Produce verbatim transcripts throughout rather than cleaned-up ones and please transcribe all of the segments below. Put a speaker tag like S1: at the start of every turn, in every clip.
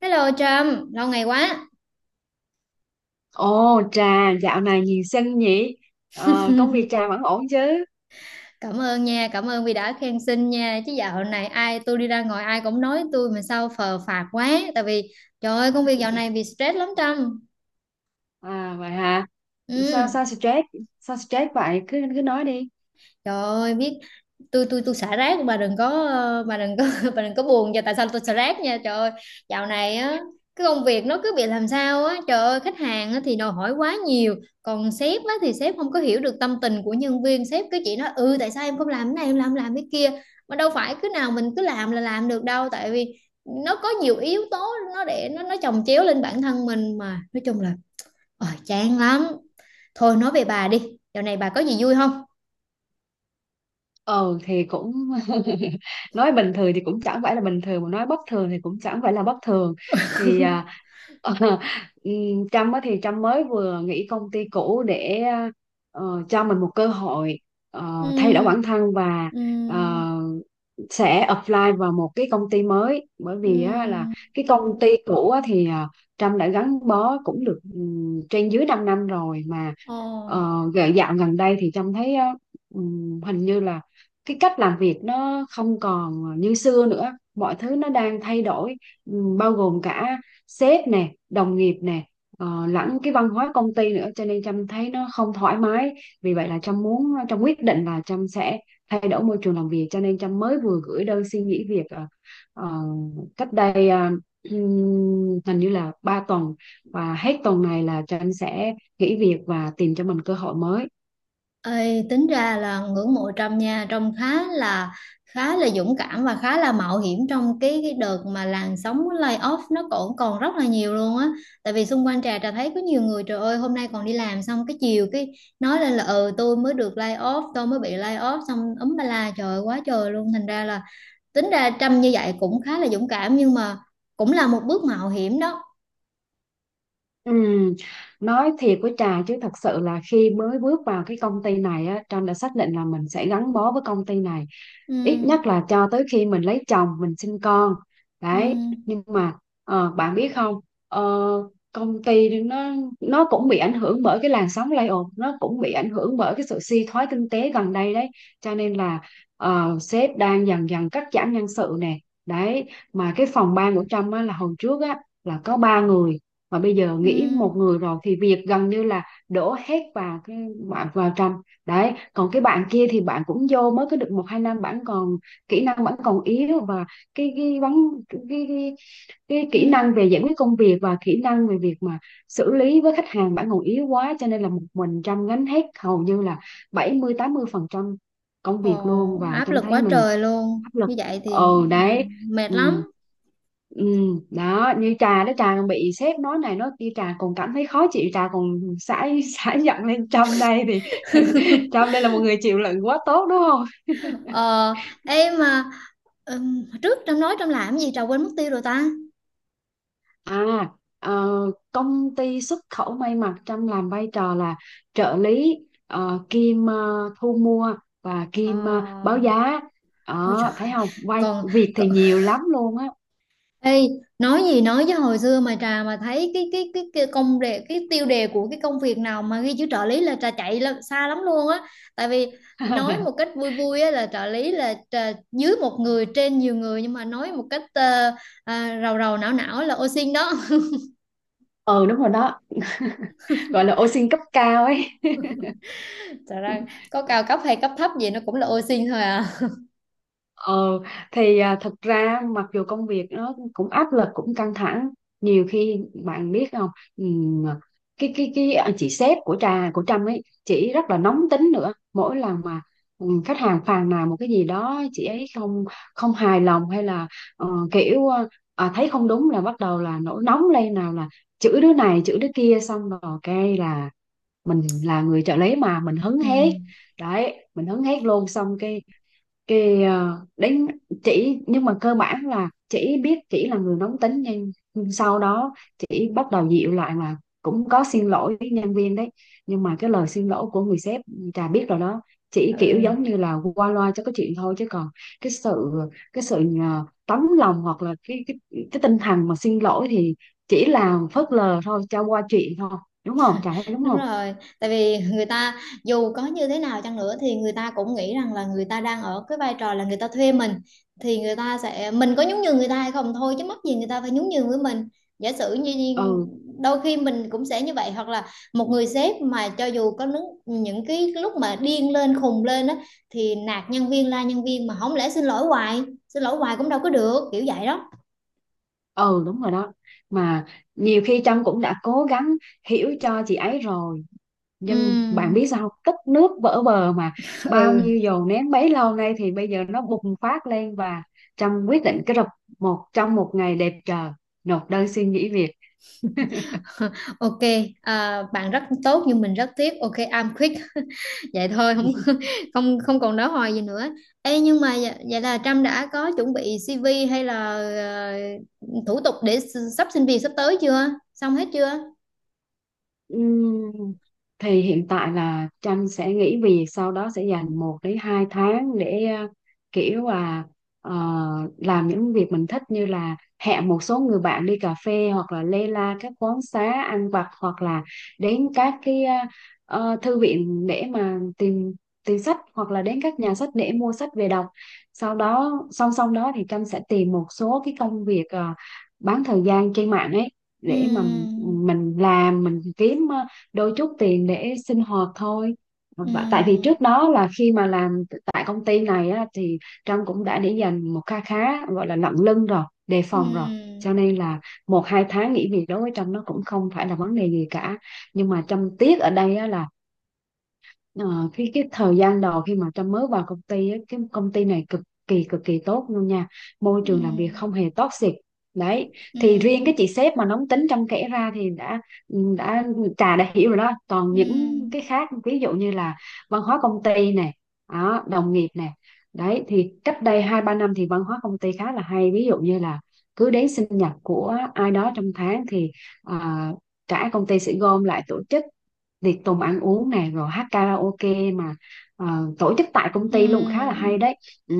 S1: Hello Trâm, lâu ngày quá.
S2: Ồ, Trà dạo này nhiều sân nhỉ. Ờ, công việc Trà vẫn ổn chứ?
S1: Cảm ơn nha, cảm ơn vì đã khen xinh nha. Chứ dạo này ai tôi đi ra ngoài ai cũng nói tôi mà sao phờ phạc quá. Tại vì trời ơi công việc dạo này bị stress lắm Trâm.
S2: À vậy hả?
S1: Ừ,
S2: Sao sao stress? Sao stress vậy? Cứ cứ nói đi.
S1: trời ơi biết tôi tôi tôi xả rác bà đừng có ờ, bà đừng có bà đừng có buồn cho tại sao tôi xả rác nha trời ơi dạo này á, cái công việc nó cứ bị làm sao á, trời ơi khách hàng á, thì đòi hỏi quá nhiều. Còn sếp á, thì sếp không có hiểu được tâm tình của nhân viên, sếp cứ chỉ nói ừ tại sao em không làm cái này em làm làm cái kia, mà đâu phải cứ nào mình cứ làm là làm được đâu. Tại vì nó có nhiều yếu tố, nó để nó nó chồng chéo lên bản thân mình, mà nói chung là ờ chán lắm. Thôi nói về bà đi, dạo này bà có gì vui không?
S2: Ừ thì cũng nói bình thường thì cũng chẳng phải là bình thường, mà nói bất thường thì cũng chẳng phải là bất thường. thì à, ờ, ừm, Trâm á thì Trâm mới vừa nghỉ công ty cũ để ờ, cho mình một cơ hội ờ, thay đổi bản
S1: Ừ,
S2: thân và
S1: ừ,
S2: ờ, sẽ apply vào một cái công ty mới, bởi vì á, là
S1: ừm.
S2: cái công ty cũ á, thì à, Trâm đã gắn bó cũng được ừm, trên dưới 5 năm rồi. Mà
S1: Ồ.
S2: uh, dạo gần đây thì Trâm thấy á, ừm, hình như là cái cách làm việc nó không còn như xưa nữa, mọi thứ nó đang thay đổi, ừm, bao gồm cả sếp nè, đồng nghiệp nè, ờ, lẫn cái văn hóa công ty nữa, cho nên Trâm thấy nó không thoải mái. Vì vậy là Trâm muốn, Trâm quyết định là Trâm sẽ thay đổi môi trường làm việc, cho nên Trâm mới vừa gửi đơn xin nghỉ việc ờ, ờ, cách đây ờ, ừm, hình như là ba tuần, và hết tuần này là Trâm sẽ nghỉ việc và tìm cho mình cơ hội mới.
S1: Ê, tính ra là ngưỡng mộ Trâm nha, Trâm khá là khá là dũng cảm và khá là mạo hiểm trong cái, cái đợt mà làn sóng layoff nó còn còn rất là nhiều luôn á. Tại vì xung quanh Trà, Trà thấy có nhiều người, trời ơi hôm nay còn đi làm xong cái chiều cái nói lên là ừ tôi mới được layoff, tôi mới bị layoff xong ấm ba la trời ơi, quá trời luôn. Thành ra là tính ra Trâm như vậy cũng khá là dũng cảm, nhưng mà cũng là một bước mạo hiểm đó.
S2: Ừ, nói thiệt với Trà chứ, thật sự là khi mới bước vào cái công ty này á, Trâm đã xác định là mình sẽ gắn bó với công ty này ít
S1: Ừ,
S2: nhất là cho tới khi mình lấy chồng, mình sinh con.
S1: ừ,
S2: Đấy, nhưng mà ờ, bạn biết không, ờ, công ty nó nó cũng bị ảnh hưởng bởi cái làn sóng layoff, nó cũng bị ảnh hưởng bởi cái sự suy thoái kinh tế gần đây đấy. Cho nên là ờ, sếp đang dần dần cắt giảm nhân sự nè. Đấy, mà cái phòng ban của Trâm á, là hồi trước á là có ba người, mà bây giờ
S1: ừ,
S2: nghĩ một người rồi, thì việc gần như là đổ hết vào cái bạn vào Trâm. Đấy, còn cái bạn kia thì bạn cũng vô mới có được một hai năm, bạn còn kỹ năng vẫn còn yếu. Và cái cái vấn cái, cái, cái
S1: ừ.
S2: kỹ năng về giải quyết công việc và kỹ năng về việc mà xử lý với khách hàng bạn còn yếu quá, cho nên là một mình Trâm gánh hết, hầu như là bảy mươi tám mươi phần trăm công việc luôn,
S1: Ồ,
S2: và
S1: áp
S2: Trâm
S1: lực
S2: thấy
S1: quá
S2: mình
S1: trời luôn.
S2: áp lực.
S1: Như vậy thì
S2: Ừ
S1: ừ,
S2: đấy,
S1: mệt
S2: ừ.
S1: lắm.
S2: Ừ, đó, như trà đó, trà còn bị sếp nói này nói kia trà còn cảm thấy khó chịu, trà còn xả xả giận lên Trâm đây thì Trâm đây là một người chịu đựng quá tốt đúng không?
S1: Ờ, em mà ừm, trước Trâm nói Trâm làm gì Trà quên mất tiêu rồi ta.
S2: À, ờ, công ty xuất khẩu may mặc, Trâm làm vai trò là trợ lý, ờ, kiêm ờ, thu mua, và kiêm ờ, báo
S1: Ờ,
S2: giá.
S1: ôi
S2: Đó,
S1: trời,
S2: thấy không? Vai
S1: còn,
S2: việc
S1: còn
S2: thì nhiều lắm luôn á.
S1: ê, nói gì nói với hồi xưa mà Trà mà thấy cái cái cái, cái công đề, cái tiêu đề của cái công việc nào mà ghi chữ trợ lý là Trà chạy là xa lắm luôn á. Tại vì nói một cách vui vui á, là trợ lý là trà, dưới một người trên nhiều người, nhưng mà nói một cách ờ, à, rầu rầu não não là ô xin đó.
S2: Ừ đúng rồi đó. Gọi là ô xin cấp cao ấy.
S1: Thật ra có cao cấp hay cấp thấp gì nó cũng là ô sin thôi à.
S2: Ờ, thì à, thật ra mặc dù công việc nó cũng áp lực cũng căng thẳng, nhiều khi bạn biết không, ừm, à, cái cái cái à, chị sếp của trà, của Trâm ấy, chị rất là nóng tính nữa. Mỗi lần mà ừm, khách hàng phàn nàn một cái gì đó chị ấy không, không hài lòng, hay là ờ, kiểu ờ, à, thấy không đúng là bắt đầu là nổi nóng lên, nào là chửi đứa này chửi đứa kia, xong rồi cái là mình là người trợ lý mà mình hứng
S1: Ừ,
S2: hết. Đấy, mình hứng hết luôn. Xong cái cái ờ, đến chỉ, nhưng mà cơ bản là chỉ biết chỉ là người nóng tính, nhưng nhưng sau đó chỉ bắt đầu dịu lại là cũng có xin lỗi với nhân viên đấy. Nhưng mà cái lời xin lỗi của người sếp, trà biết rồi đó, chỉ kiểu
S1: ừ,
S2: giống như là qua loa cho cái chuyện thôi, chứ còn cái sự cái sự ờ, tấm lòng, hoặc là cái cái cái tinh thần mà xin lỗi thì chỉ là phớt lờ thôi, cho qua chuyện thôi, đúng không, trà thấy đúng
S1: đúng
S2: không?
S1: rồi. Tại vì người ta dù có như thế nào chăng nữa thì người ta cũng nghĩ rằng là người ta đang ở cái vai trò là người ta thuê mình, thì người ta sẽ mình có nhún nhường người ta hay không thôi, chứ mắc gì người ta phải nhún nhường với mình. Giả sử như như
S2: Ừ
S1: đôi khi mình cũng sẽ như vậy, hoặc là một người sếp mà cho dù có những, những cái lúc mà điên lên khùng lên á, thì nạt nhân viên la nhân viên mà không lẽ xin lỗi hoài, xin lỗi hoài cũng đâu có được, kiểu vậy đó.
S2: ừ, đúng rồi đó. Mà nhiều khi Trâm cũng đã cố gắng hiểu cho chị ấy rồi, nhưng bạn biết
S1: Ừ,
S2: sao không? Tích nước vỡ bờ mà. Bao
S1: ừ.
S2: nhiêu dồn nén bấy lâu nay thì bây giờ nó bùng phát lên, và Trâm quyết định cái rập một trong một ngày đẹp trời nộp đơn xin nghỉ việc.
S1: OK, à, bạn rất tốt nhưng mình rất tiếc, OK I'm quick. Vậy thôi không không không còn nói hoài gì nữa. Ê, nhưng mà vậy, vậy là Trâm đã có chuẩn bị xê vê hay là ờ, thủ tục để s- sắp xin việc sắp tới chưa, xong hết chưa?
S2: Ừm, thì hiện tại là Tranh sẽ nghỉ việc, sau đó sẽ dành một đến hai tháng để ờ, kiểu là ờ, làm những việc mình thích, như là hẹn một số người bạn đi cà phê, hoặc là lê la các quán xá ăn vặt, hoặc là đến các cái ờ, ờ, thư viện để mà tìm tìm sách, hoặc là đến các nhà sách để mua sách về đọc. Sau đó song song đó thì Tranh sẽ tìm một số cái công việc ờ, bán thời gian trên mạng ấy, để mà
S1: Ừm,
S2: mình làm mình kiếm ờ, đôi chút tiền để sinh hoạt thôi. Và tại vì
S1: ừm,
S2: trước đó là khi mà làm tại công ty này á, thì Trâm cũng đã để dành một kha khá gọi là lận lưng rồi, đề phòng rồi, cho
S1: ừm,
S2: nên là một hai tháng nghỉ việc đối với Trâm nó cũng không phải là vấn đề gì cả. Nhưng mà Trâm tiếc ở đây á, là Ờ, cái cái thời gian đầu khi mà Trâm mới vào công ty á, cái công ty này cực kỳ cực kỳ tốt luôn nha, môi trường làm việc
S1: ừm,
S2: không hề toxic. Đấy, thì riêng
S1: ừm,
S2: cái chị sếp mà nóng tính Trâm kể ra thì đã đã trà đã hiểu rồi đó. Còn những
S1: ừm,
S2: cái khác, ví dụ như là văn hóa công ty này, đó, đồng nghiệp này. Đấy, thì cách đây hai ba năm thì văn hóa công ty khá là hay. Ví dụ như là cứ đến sinh nhật của ai đó trong tháng thì à, cả công ty sẽ gom lại tổ chức tiệc tùng ăn uống này, rồi hát karaoke mà ờ, tổ chức tại công ty luôn, khá là hay
S1: ừm,
S2: đấy. Ừ.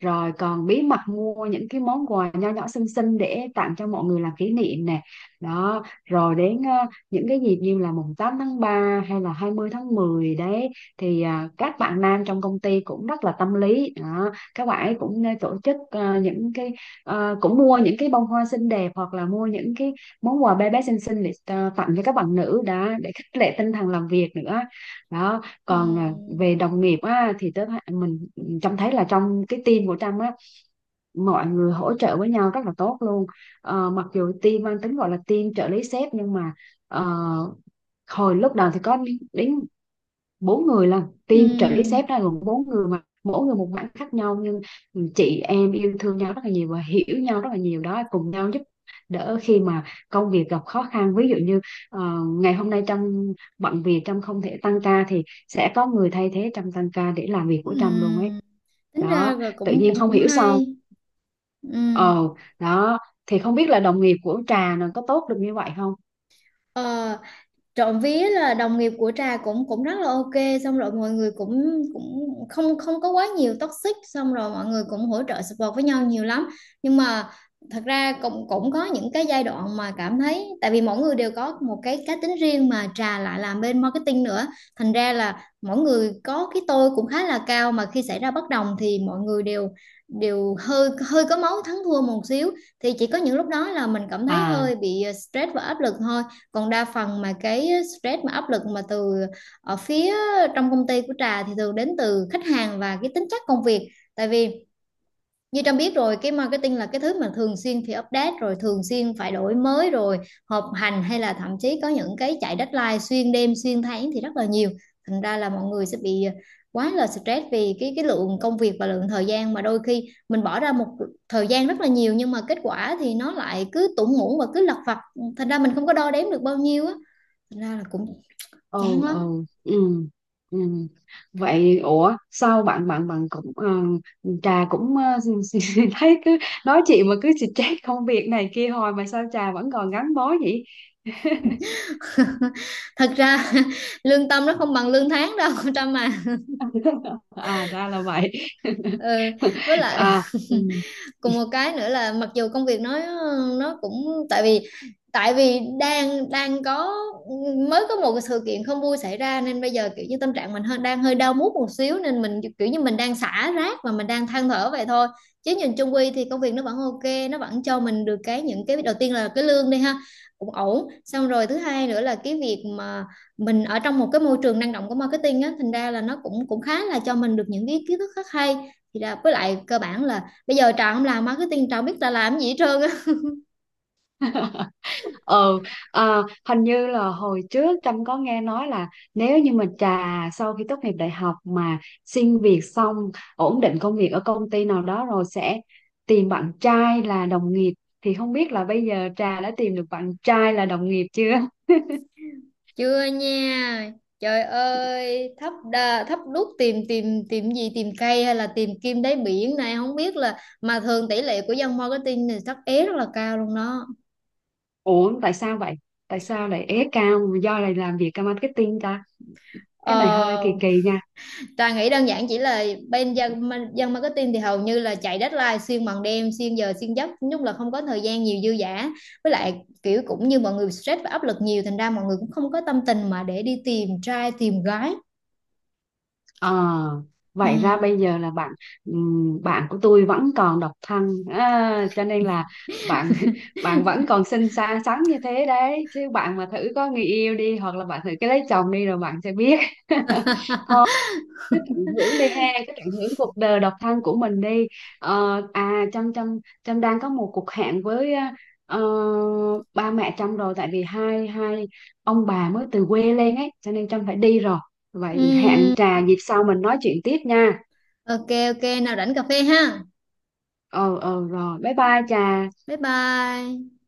S2: Rồi còn bí mật mua những cái món quà nho nhỏ xinh xinh để tặng cho mọi người làm kỷ niệm nè. Đó, rồi đến ờ, những cái dịp như là mùng tám tháng ba hay là hai mươi tháng mười đấy, thì à, các bạn nam trong công ty cũng rất là tâm lý đó. Các bạn ấy cũng nên tổ chức ờ, những cái ờ, cũng mua những cái bông hoa xinh đẹp, hoặc là mua những cái món quà bé bé xinh xinh để ờ, tặng cho các bạn nữ đã, để khích lệ tinh thần làm việc nữa. Đó, còn à, về
S1: ừm,
S2: đồng nghiệp á, thì tớ thấy- mình trông thấy là trong cái team của Trâm á, mọi người hỗ trợ với nhau rất là tốt luôn. Ờ, mặc dù team mang tính gọi là team trợ lý sếp, nhưng mà ờ, hồi lúc đầu thì có đến bốn người lần, team trợ lý
S1: ừm,
S2: sếp ra gồm bốn người mà mỗi người một mảng khác nhau, nhưng chị em yêu thương nhau rất là nhiều và hiểu nhau rất là nhiều đó, cùng nhau giúp đỡ khi mà công việc gặp khó khăn. Ví dụ như ờ, ngày hôm nay Trâm bận việc, Trâm không thể tăng ca thì sẽ có người thay thế Trâm tăng ca để làm việc của Trâm luôn ấy.
S1: ừm. Tính ra
S2: Đó,
S1: là
S2: tự
S1: cũng
S2: nhiên
S1: cũng
S2: không
S1: cũng
S2: hiểu sao
S1: hay. Ừm.
S2: ờ đó, thì không biết là đồng nghiệp của Trà nó có tốt được như vậy không.
S1: Ờ, trộm vía là đồng nghiệp của Trà cũng cũng rất là OK, xong rồi mọi người cũng cũng không không có quá nhiều toxic, xong rồi mọi người cũng hỗ trợ support với nhau nhiều lắm. Nhưng mà thật ra cũng cũng có những cái giai đoạn mà cảm thấy tại vì mỗi người đều có một cái cá tính riêng, mà Trà lại làm bên marketing nữa, thành ra là mỗi người có cái tôi cũng khá là cao, mà khi xảy ra bất đồng thì mọi người đều đều hơi hơi có máu thắng thua một xíu. Thì chỉ có những lúc đó là mình cảm thấy
S2: À
S1: hơi bị ờ, stress và áp lực thôi. Còn đa phần mà cái stress mà áp lực mà từ ở phía trong công ty của Trà thì thường đến từ khách hàng và cái tính chất công việc. Tại vì như Trâm biết rồi, cái marketing là cái thứ mà thường xuyên phải update rồi thường xuyên phải đổi mới rồi họp hành, hay là thậm chí có những cái chạy deadline xuyên đêm xuyên tháng thì rất là nhiều. Thành ra là mọi người sẽ bị quá là stress vì cái cái lượng công việc và lượng thời gian mà đôi khi mình bỏ ra một thời gian rất là nhiều nhưng mà kết quả thì nó lại cứ tủng muỗng và cứ lặt vặt, thành ra mình không có đo đếm được bao nhiêu á. Thật ra là cũng chán
S2: ừ
S1: lắm.
S2: ừ ừ ừ, vậy ủa sao bạn bạn bạn cũng ờ, trà cũng ờ, thấy cứ nói chuyện mà cứ stress công việc này kia, hồi mà sao trà vẫn còn gắn bó vậy?
S1: Thật ra lương tâm nó không bằng lương tháng đâu con Trâm à.
S2: À ra là vậy.
S1: Ừ, với lại
S2: À, ừ.
S1: còn một cái nữa là mặc dù công việc nó nó cũng tại vì tại vì đang đang có mới có một cái sự kiện không vui xảy ra, nên bây giờ kiểu như tâm trạng mình hơi đang hơi đau mút một xíu, nên mình kiểu như mình đang xả rác và mình đang than thở vậy thôi. Chứ nhìn chung quy thì công việc nó vẫn OK, nó vẫn cho mình được cái những cái đầu tiên là cái lương đi ha, cũng ổn. Xong rồi thứ hai nữa là cái việc mà mình ở trong một cái môi trường năng động của marketing á, thành ra là nó cũng cũng khá là cho mình được những cái kiến thức rất hay. Thì là với lại cơ bản là bây giờ Trà không làm marketing Trà không biết Trà làm gì hết trơn á.
S2: Ừ, à, hình như là hồi trước Trâm có nghe nói là nếu như mà Trà sau khi tốt nghiệp đại học mà xin việc xong, ổn định công việc ở công ty nào đó rồi sẽ tìm bạn trai là đồng nghiệp, thì không biết là bây giờ Trà đã tìm được bạn trai là đồng nghiệp chưa?
S1: Chưa nha, trời ơi thấp đa, thấp đút tìm tìm tìm gì, tìm cây hay là tìm kim đáy biển này không biết là, mà thường tỷ lệ của dân marketing thì thất é rất là cao luôn đó.
S2: Ủa tại sao vậy? Tại sao lại ế cao do lại làm việc marketing ta? Cái này hơi kỳ
S1: Ờ,
S2: kỳ nha.
S1: Trà nghĩ đơn giản chỉ là bên dân, ma- dân marketing thì hầu như là chạy deadline xuyên bằng đêm xuyên giờ xuyên giấc lúc, là không có thời gian nhiều dư dả. Với lại kiểu cũng như mọi người stress và áp lực nhiều, thành ra mọi người cũng không có tâm tình mà để đi tìm trai tìm gái.
S2: Ờ, vậy ra
S1: Ừ.
S2: bây giờ là bạn, ừm, bạn của tôi vẫn còn độc thân à, cho nên là bạn bạn vẫn còn xinh xắn xắn như thế đấy. Chứ bạn mà thử có người yêu đi, hoặc là bạn thử cái lấy chồng đi rồi bạn sẽ biết. Thôi cứ tận hưởng đi ha, cứ tận hưởng cuộc đời độc thân của mình đi. Ờ, à Trâm Trâm Trâm đang có một cuộc hẹn với ờ, ba mẹ Trâm rồi, tại vì hai hai ông bà mới từ quê lên ấy, cho nên Trâm phải đi rồi. Vậy
S1: Ừm,
S2: hẹn trà dịp sau mình nói chuyện tiếp nha.
S1: OK, OK nào rảnh cà phê ha,
S2: Ờ ờ, rồi bye bye Trà.
S1: bye bye.